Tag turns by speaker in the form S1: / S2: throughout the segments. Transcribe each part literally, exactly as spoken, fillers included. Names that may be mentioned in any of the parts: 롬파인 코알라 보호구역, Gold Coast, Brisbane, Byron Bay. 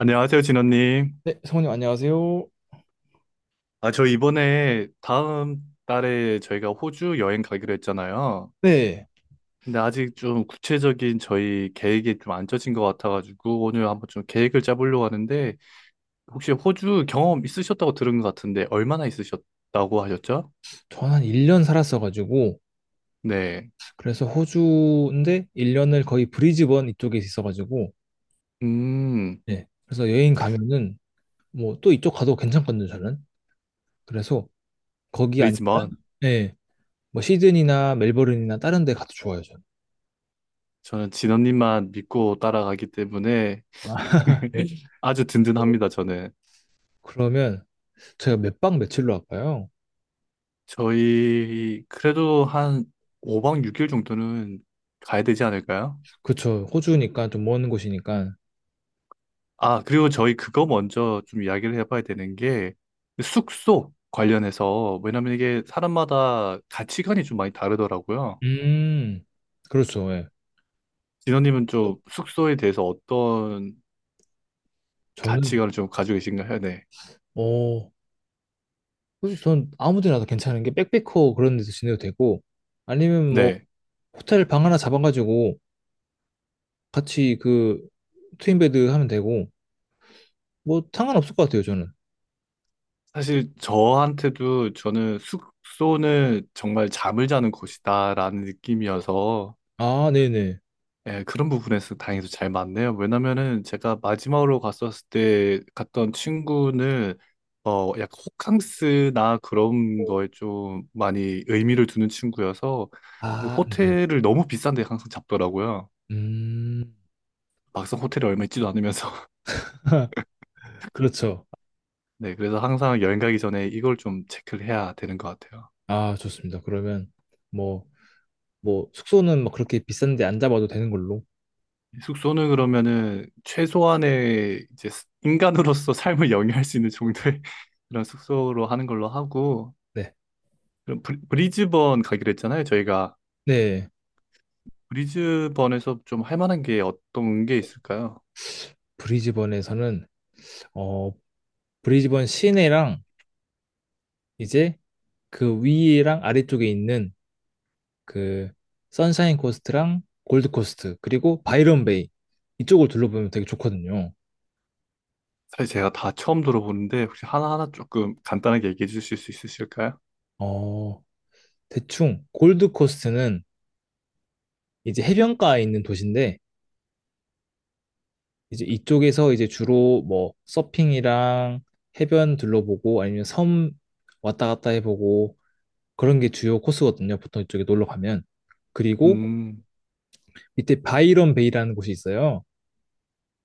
S1: 안녕하세요, 진원님.
S2: 네, 성우님 안녕하세요.
S1: 아, 저 이번에 다음 달에 저희가 호주 여행 가기로 했잖아요.
S2: 네,
S1: 근데 아직 좀 구체적인 저희 계획이 좀 안 짜진 것 같아가지고 오늘 한번 좀 계획을 짜보려고 하는데 혹시 호주 경험 있으셨다고 들은 것 같은데 얼마나 있으셨다고 하셨죠?
S2: 저는 한 일 년 살았어가지고,
S1: 네.
S2: 그래서 호주인데 일 년을 거의 브리즈번 이쪽에 있어가지고,
S1: 음,
S2: 네, 그래서 여행 가면은 뭐 또 이쪽 가도 괜찮거든요, 저는. 그래서 거기 아니면,
S1: 그리지만
S2: 네, 뭐 시드니나 멜버른이나 다른 데 가도 좋아요, 저는.
S1: 저는 진원님만 믿고 따라가기 때문에
S2: 아, 네.
S1: 아주 든든합니다, 저는.
S2: 그러면 제가 몇 박 며칠로 할까요?
S1: 저희 그래도 한 오 박 육 일 정도는 가야 되지 않을까요?
S2: 그쵸, 호주니까 좀 먼 곳이니까.
S1: 아, 그리고 저희 그거 먼저 좀 이야기를 해봐야 되는 게 숙소 관련해서 왜냐면 이게 사람마다 가치관이 좀 많이 다르더라고요.
S2: 음, 그렇죠, 예.
S1: 진호님은 좀 숙소에 대해서 어떤
S2: 저는,
S1: 가치관을 좀 가지고 계신가요? 네.
S2: 어, 그래서 전 아무 데나 다 괜찮은 게 백패커 그런 데서 지내도 되고 아니면
S1: 네.
S2: 뭐
S1: 네.
S2: 호텔 방 하나 잡아가지고 같이 그 트윈베드 하면 되고 뭐 상관없을 것 같아요 저는.
S1: 사실 저한테도 저는 숙소는 정말 잠을 자는 곳이다라는 느낌이어서
S2: 아 네네.
S1: 예, 그런 부분에서 다행히도 잘 맞네요. 왜냐면은 제가 마지막으로 갔었을 때 갔던 친구는 어 약간 호캉스나 그런 거에 좀 많이 의미를 두는 친구여서 그
S2: 아
S1: 호텔을 너무 비싼 데 항상 잡더라고요.
S2: 음
S1: 막상 호텔이 얼마 있지도 않으면서.
S2: 그렇죠.
S1: 네, 그래서 항상 여행 가기 전에 이걸 좀 체크를 해야 되는 것 같아요.
S2: 아 좋습니다. 그러면 뭐 뭐 숙소는 막 그렇게 비싼데 안 잡아도 되는 걸로.
S1: 숙소는 그러면은 최소한의 이제 스- 인간으로서 삶을 영위할 수 있는 정도의 그런 숙소로 하는 걸로 하고
S2: 네,
S1: 그럼 브리- 브리즈번 가기로 했잖아요, 저희가.
S2: 네.
S1: 브리즈번에서 좀 할 만한 게 어떤 게 있을까요?
S2: 브리즈번에서는 어 브리즈번 시내랑 이제 그 위랑 아래쪽에 있는 그 선샤인 코스트랑 골드 코스트 그리고 바이런 베이 이쪽을 둘러보면 되게 좋거든요.
S1: 사실 제가 다 처음 들어보는데 혹시 하나하나 조금 간단하게 얘기해 주실 수 있으실까요?
S2: 어, 대충 골드 코스트는 이제 해변가에 있는 도시인데 이제 이쪽에서 이제 주로 뭐 서핑이랑 해변 둘러보고 아니면 섬 왔다 갔다 해보고 그런 게 주요 코스거든요. 보통 이쪽에 놀러 가면. 그리고
S1: 음,
S2: 밑에 바이런 베이라는 곳이 있어요.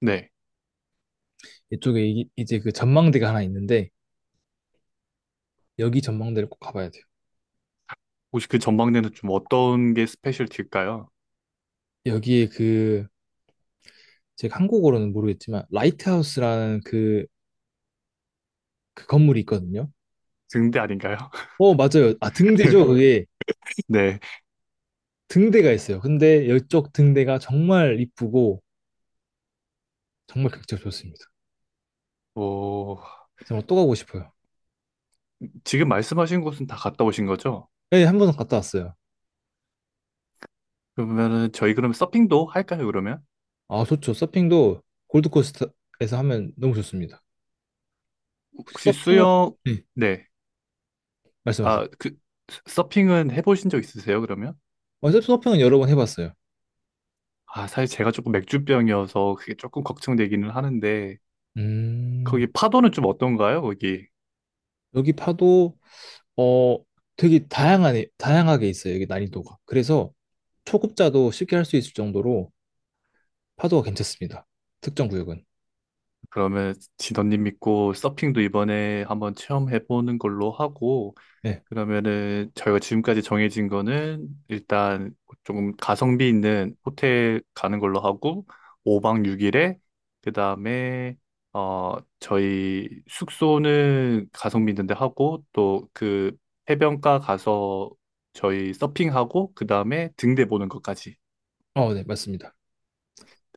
S1: 네.
S2: 이쪽에 이- 이제 그 전망대가 하나 있는데 여기 전망대를 꼭 가봐야 돼요.
S1: 혹시 그 전망대는 좀 어떤 게 스페셜티일까요?
S2: 여기에 그 제가 한국어로는 모르겠지만 라이트하우스라는 그, 그 건물이 있거든요.
S1: 등대 아닌가요?
S2: 어, 맞아요. 아, 등대죠. 그게
S1: 네.
S2: 등대가 있어요. 근데 이쪽 등대가 정말 이쁘고 정말 극적 좋습니다.
S1: 뭐
S2: 정말 또 가고 싶어요.
S1: 지금 말씀하신 곳은 다 갔다 오신 거죠?
S2: 예, 한 번은 갔다 왔어요.
S1: 그러면은 저희 그럼 서핑도 할까요, 그러면?
S2: 아, 좋죠. 서핑도 골드코스트에서 하면 너무 좋습니다. 혹시
S1: 혹시
S2: 서핑을.
S1: 수영
S2: 네,
S1: 네.
S2: 말씀하세요.
S1: 아, 그 서핑은 해보신 적 있으세요, 그러면?
S2: 어, 서핑은 여러 번 해봤어요.
S1: 아, 사실 제가 조금 맥주병이어서 그게 조금 걱정되기는 하는데,
S2: 음,
S1: 거기 파도는 좀 어떤가요, 거기?
S2: 여기 파도 어 되게 다양하네, 다양하게 있어요. 여기 난이도가. 그래서 초급자도 쉽게 할 수 있을 정도로 파도가 괜찮습니다. 특정 구역은.
S1: 그러면 진원님 믿고 서핑도 이번에 한번 체험해보는 걸로 하고,
S2: 네.
S1: 그러면은 저희가 지금까지 정해진 거는 일단 조금 가성비 있는 호텔 가는 걸로 하고 오 박 육 일에 그다음에 어 저희 숙소는 가성비 있는 데 하고 또 그 해변가 가서 저희 서핑하고 그다음에 등대 보는 것까지
S2: 어, 네, 맞습니다.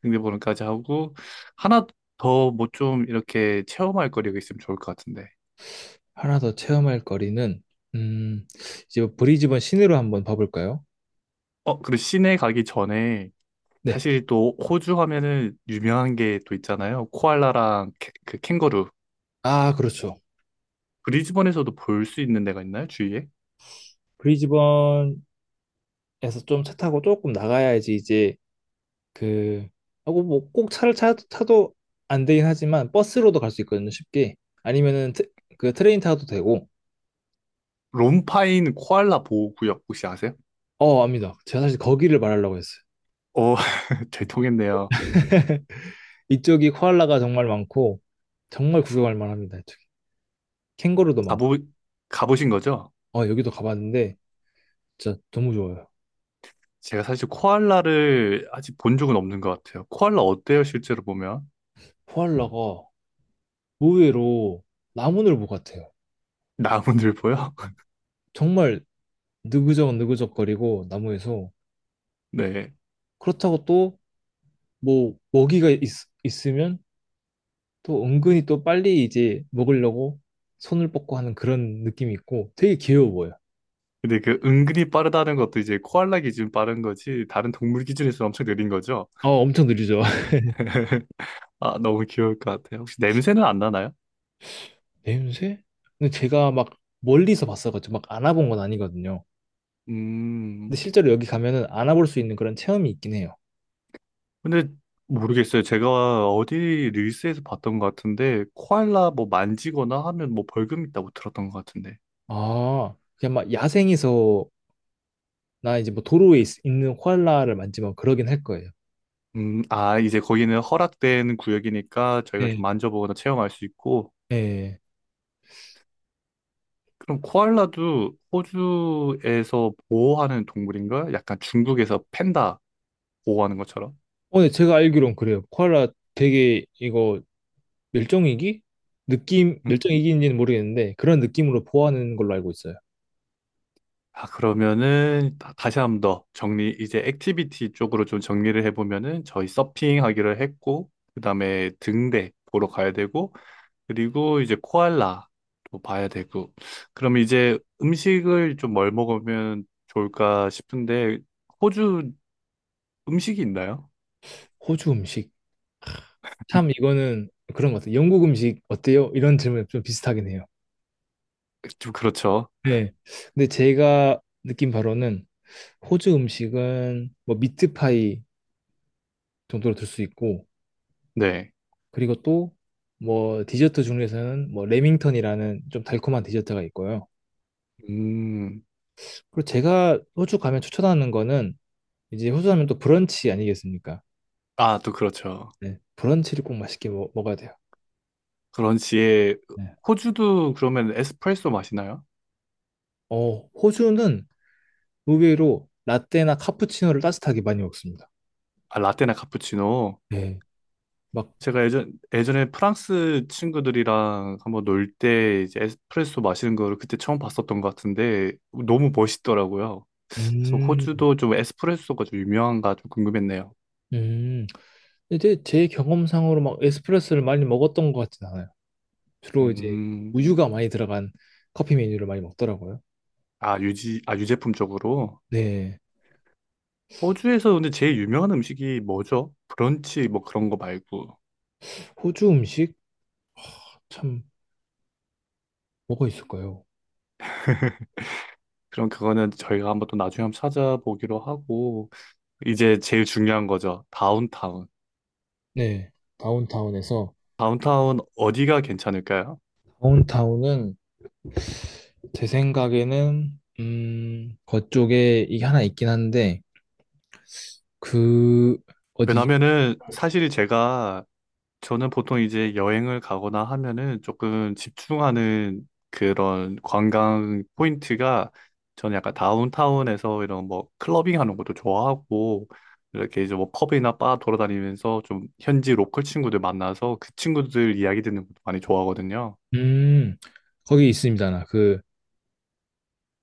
S1: 등대 보는 것까지 하고 하나 더 뭐 좀 이렇게 체험할 거리가 있으면 좋을 것 같은데.
S2: 하나 더 체험할 거리는, 음, 이제 브리즈번 시내로 한번 봐볼까요?
S1: 어, 그리고 시내 가기 전에
S2: 네.
S1: 사실 또 호주 하면은 유명한 게 또 있잖아요. 코알라랑 캐- 그 캥거루.
S2: 아, 그렇죠.
S1: 브리즈번에서도 볼 수 있는 데가 있나요? 주위에?
S2: 브리즈번에서 좀 차 타고 조금 나가야지 이제 그, 하고 뭐 꼭 차를 차, 타도 안 되긴 하지만 버스로도 갈 수 있거든요, 쉽게. 아니면은 트- 그 트레인 타도 되고.
S1: 롬파인 코알라 보호구역 혹시 아세요?
S2: 어, 압니다. 제가 사실 거기를 말하려고 했어요.
S1: 오, 잘 통했네요.
S2: 이쪽이 코알라가 정말 많고, 정말 구경할 만합니다, 이쪽이. 캥거루도 많고.
S1: 가보, 가보신 거죠?
S2: 아, 여기도 가봤는데 진짜 너무 좋아요.
S1: 제가 사실 코알라를 아직 본 적은 없는 것 같아요. 코알라 어때요, 실제로 보면?
S2: 코알라가 의외로 나무늘보 같아요.
S1: 나무늘보요?
S2: 음. 정말 느그적 느그적거리고 나무에서
S1: 네.
S2: 그렇다고 또 뭐 먹이가 있, 있으면 또 은근히 또 빨리 이제 먹으려고 손을 뻗고 하는 그런 느낌이 있고 되게 귀여워 보여요.
S1: 근데 그 은근히 빠르다는 것도 이제 코알라 기준 빠른 거지, 다른 동물 기준에서 엄청 느린 거죠?
S2: 어, 엄청 느리죠.
S1: 아, 너무 귀여울 것 같아요. 혹시 냄새는 안 나나요?
S2: 냄새? 근데 제가 막 멀리서 봤어가지고 막 안아본 건 아니거든요. 근데
S1: 음,
S2: 실제로 여기 가면은 안아볼 수 있는 그런 체험이 있긴 해요.
S1: 근데 모르겠어요. 제가 어디 릴스에서 봤던 것 같은데, 코알라 뭐 만지거나 하면 뭐 벌금 있다고 들었던 것 같은데.
S2: 아, 그냥 막 야생에서 나 이제 뭐 도로에 있, 는 코알라를 만지면 그러긴 할 거예요.
S1: 음, 아, 이제 거기는 허락된 구역이니까 저희가 좀
S2: 네.
S1: 만져보거나 체험할 수 있고,
S2: 예.
S1: 그럼 코알라도 호주에서 보호하는 동물인가? 약간 중국에서 팬다 보호하는 것처럼.
S2: 어, 네, 제가 알기론 그래요. 코알라 되게 이거 멸종위기? 느낌, 멸종위기인지는 모르겠는데 그런 느낌으로 보호하는 걸로 알고 있어요.
S1: 아, 그러면은 다- 다시 한 번 더 정리, 이제 액티비티 쪽으로 좀 정리를 해보면은 저희 서핑 하기로 했고, 그 다음에 등대 보러 가야 되고, 그리고 이제 코알라 도 봐야 되고, 그럼 이제 음식을 좀 뭘 먹으면 좋을까 싶은데, 호주 음식이 있나요?
S2: 호주 음식. 참 이거는 그런 것 같아요. 영국 음식 어때요? 이런 질문 좀 비슷하긴 해요.
S1: 좀 그렇죠.
S2: 네. 근데 제가 느낀 바로는 호주 음식은 뭐 미트파이 정도로 들 수 있고
S1: 네.
S2: 그리고 또 뭐 디저트 중에서는 뭐 레밍턴이라는 좀 달콤한 디저트가 있고요.
S1: 음,
S2: 그리고 제가 호주 가면 추천하는 거는 이제 호주 하면 또 브런치 아니겠습니까?
S1: 아, 또 그렇죠.
S2: 네. 브런치를 꼭 맛있게 먹, 어야 돼요.
S1: 그런지에
S2: 네.
S1: 호주도 그러면 에스프레소 마시나요?
S2: 어, 호주는 의외로 라떼나 카푸치노를 따뜻하게 많이 먹습니다.
S1: 아, 라떼나 카푸치노.
S2: 네. 막,
S1: 제가 예전, 예전에 프랑스 친구들이랑 한번 놀 때 이제 에스프레소 마시는 거를 그때 처음 봤었던 것 같은데 너무 멋있더라고요. 그래서
S2: 음,
S1: 호주도 좀 에스프레소가 좀 유명한가 좀 궁금했네요.
S2: 음. 이제 제 경험상으로 막 에스프레소를 많이 먹었던 것 같진 않아요. 주로 이제
S1: 음,
S2: 우유가 많이 들어간 커피 메뉴를 많이 먹더라고요.
S1: 아, 유지, 아, 유제품 쪽으로.
S2: 네.
S1: 호주에서 근데 제일 유명한 음식이 뭐죠? 브런치 뭐 그런 거 말고.
S2: 호주 음식? 참 뭐가 있을까요?
S1: 그럼 그거는 저희가 한번 또 나중에 한번 찾아보기로 하고. 이제 제일 중요한 거죠. 다운타운.
S2: 네, 다운타운에서
S1: 다운타운 어디가 괜찮을까요?
S2: 다운타운은 제 생각에는 음 그쪽에 이게 하나 있긴 한데 그 어디
S1: 왜냐면은 사실 제가 저는 보통 이제 여행을 가거나 하면은 조금 집중하는 그런 관광 포인트가 저는 약간 다운타운에서 이런 뭐 클러빙 하는 것도 좋아하고 이렇게 이제 뭐 펍이나 바 돌아다니면서 좀 현지 로컬 친구들 만나서 그 친구들 이야기 듣는 것도 많이 좋아하거든요.
S2: 음 거기 있습니다. 나 그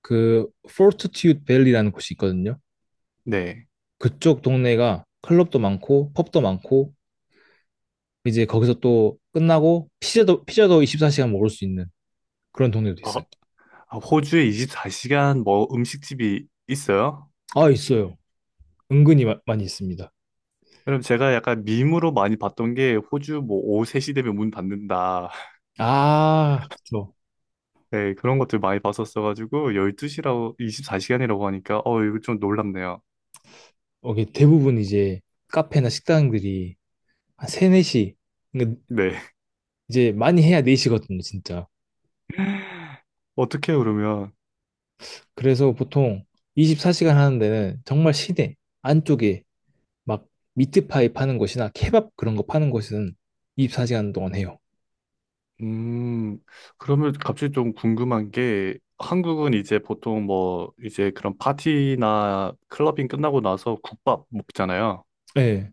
S2: 그 포르투튜드 밸리라는 곳이 있거든요.
S1: 네.
S2: 그쪽 동네가 클럽도 많고 펍도 많고 이제 거기서 또 끝나고 피자도 피자도 이십사 시간 먹을 수 있는 그런 동네도
S1: 어,
S2: 있어요.
S1: 아, 호주에 이십사 시간 뭐 음식집이 있어요?
S2: 아 있어요. 은근히 마- 많이 있습니다.
S1: 그럼 제가 약간 밈으로 많이 봤던 게 호주 뭐 오후 세 시 되면 문 닫는다.
S2: 아, 그쵸.
S1: 네, 그런 것들 많이 봤었어가지고 열두 시라고 이십사 시간이라고 하니까 어 이거 좀 놀랍네요.
S2: 어, 이게 대부분 이제 카페나 식당들이 한 세, 네 시, 그러니까
S1: 네.
S2: 이제 많이 해야 네 시거든요, 진짜.
S1: 어떻게 해요, 그러면
S2: 그래서 보통 이십사 시간 하는 데는 정말 시내 안쪽에 막 미트파이 파는 곳이나 케밥 그런 거 파는 곳은 이십사 시간 동안 해요.
S1: 음 그러면 갑자기 좀 궁금한 게 한국은 이제 보통 뭐 이제 그런 파티나 클러빙 끝나고 나서 국밥 먹잖아요.
S2: 네,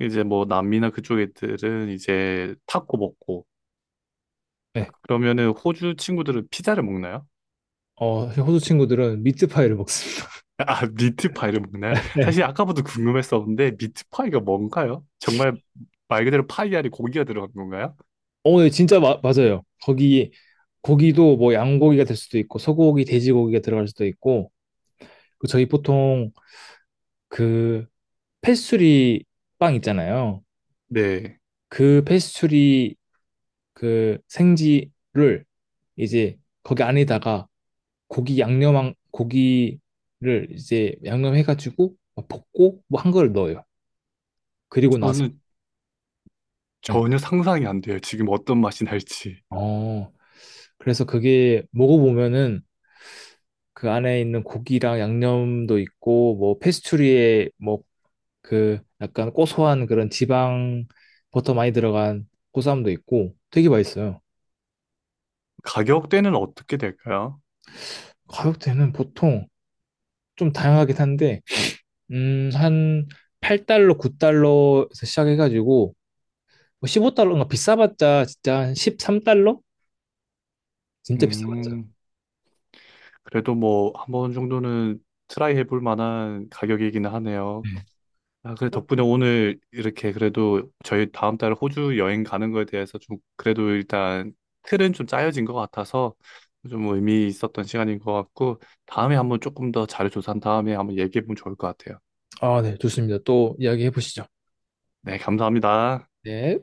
S1: 이제 뭐 남미나 그쪽 애들은 이제 타코 먹고
S2: 네.
S1: 그러면은 호주 친구들은 피자를 먹나요?
S2: 어, 호주 친구들은 미트파이를 먹습니다.
S1: 아, 미트파이를 먹나요?
S2: 네.
S1: 사실 아까부터 궁금했었는데, 미트파이가 뭔가요? 정말 말 그대로 파이 안에 고기가 들어간 건가요?
S2: 어, 네, 진짜 마- 맞아요. 거기, 거기도 뭐 양고기가 될 수도 있고, 소고기, 돼지고기가 들어갈 수도 있고, 그 저희 보통 그 패스츄리 빵 있잖아요.
S1: 네.
S2: 그 패스츄리 그 생지를 이제 거기 안에다가 고기 양념한 고기를 이제 양념해가지고 막 볶고 뭐 한 걸 넣어요. 그리고 나서.
S1: 저는
S2: 네.
S1: 전혀 상상이 안 돼요. 지금 어떤 맛이 날지.
S2: 어 그래서 그게 먹어보면은 그 안에 있는 고기랑 양념도 있고 뭐 패스츄리에 뭐 그 약간 고소한 그런 지방 버터 많이 들어간 고소함도 있고 되게 맛있어요.
S1: 가격대는 어떻게 될까요?
S2: 가격대는 보통 좀 다양하긴 한데, 음, 한 팔 달러, 구 달러에서 시작해가지고, 십오 달러인가 비싸봤자 진짜 한 십삼 달러? 진짜 비싸봤자.
S1: 음, 그래도 뭐, 한 번 정도는 트라이 해볼 만한 가격이기는 하네요.
S2: 네.
S1: 아, 그래, 덕분에 오늘 이렇게 그래도 저희 다음 달 호주 여행 가는 거에 대해서 좀 그래도 일단 틀은 좀 짜여진 것 같아서 좀 의미 있었던 시간인 것 같고 다음에 한번 조금 더 자료 조사한 다음에 한번 얘기해보면 좋을 것 같아요.
S2: 아, 네, 좋습니다. 또 이야기해 보시죠.
S1: 네, 감사합니다.
S2: 네.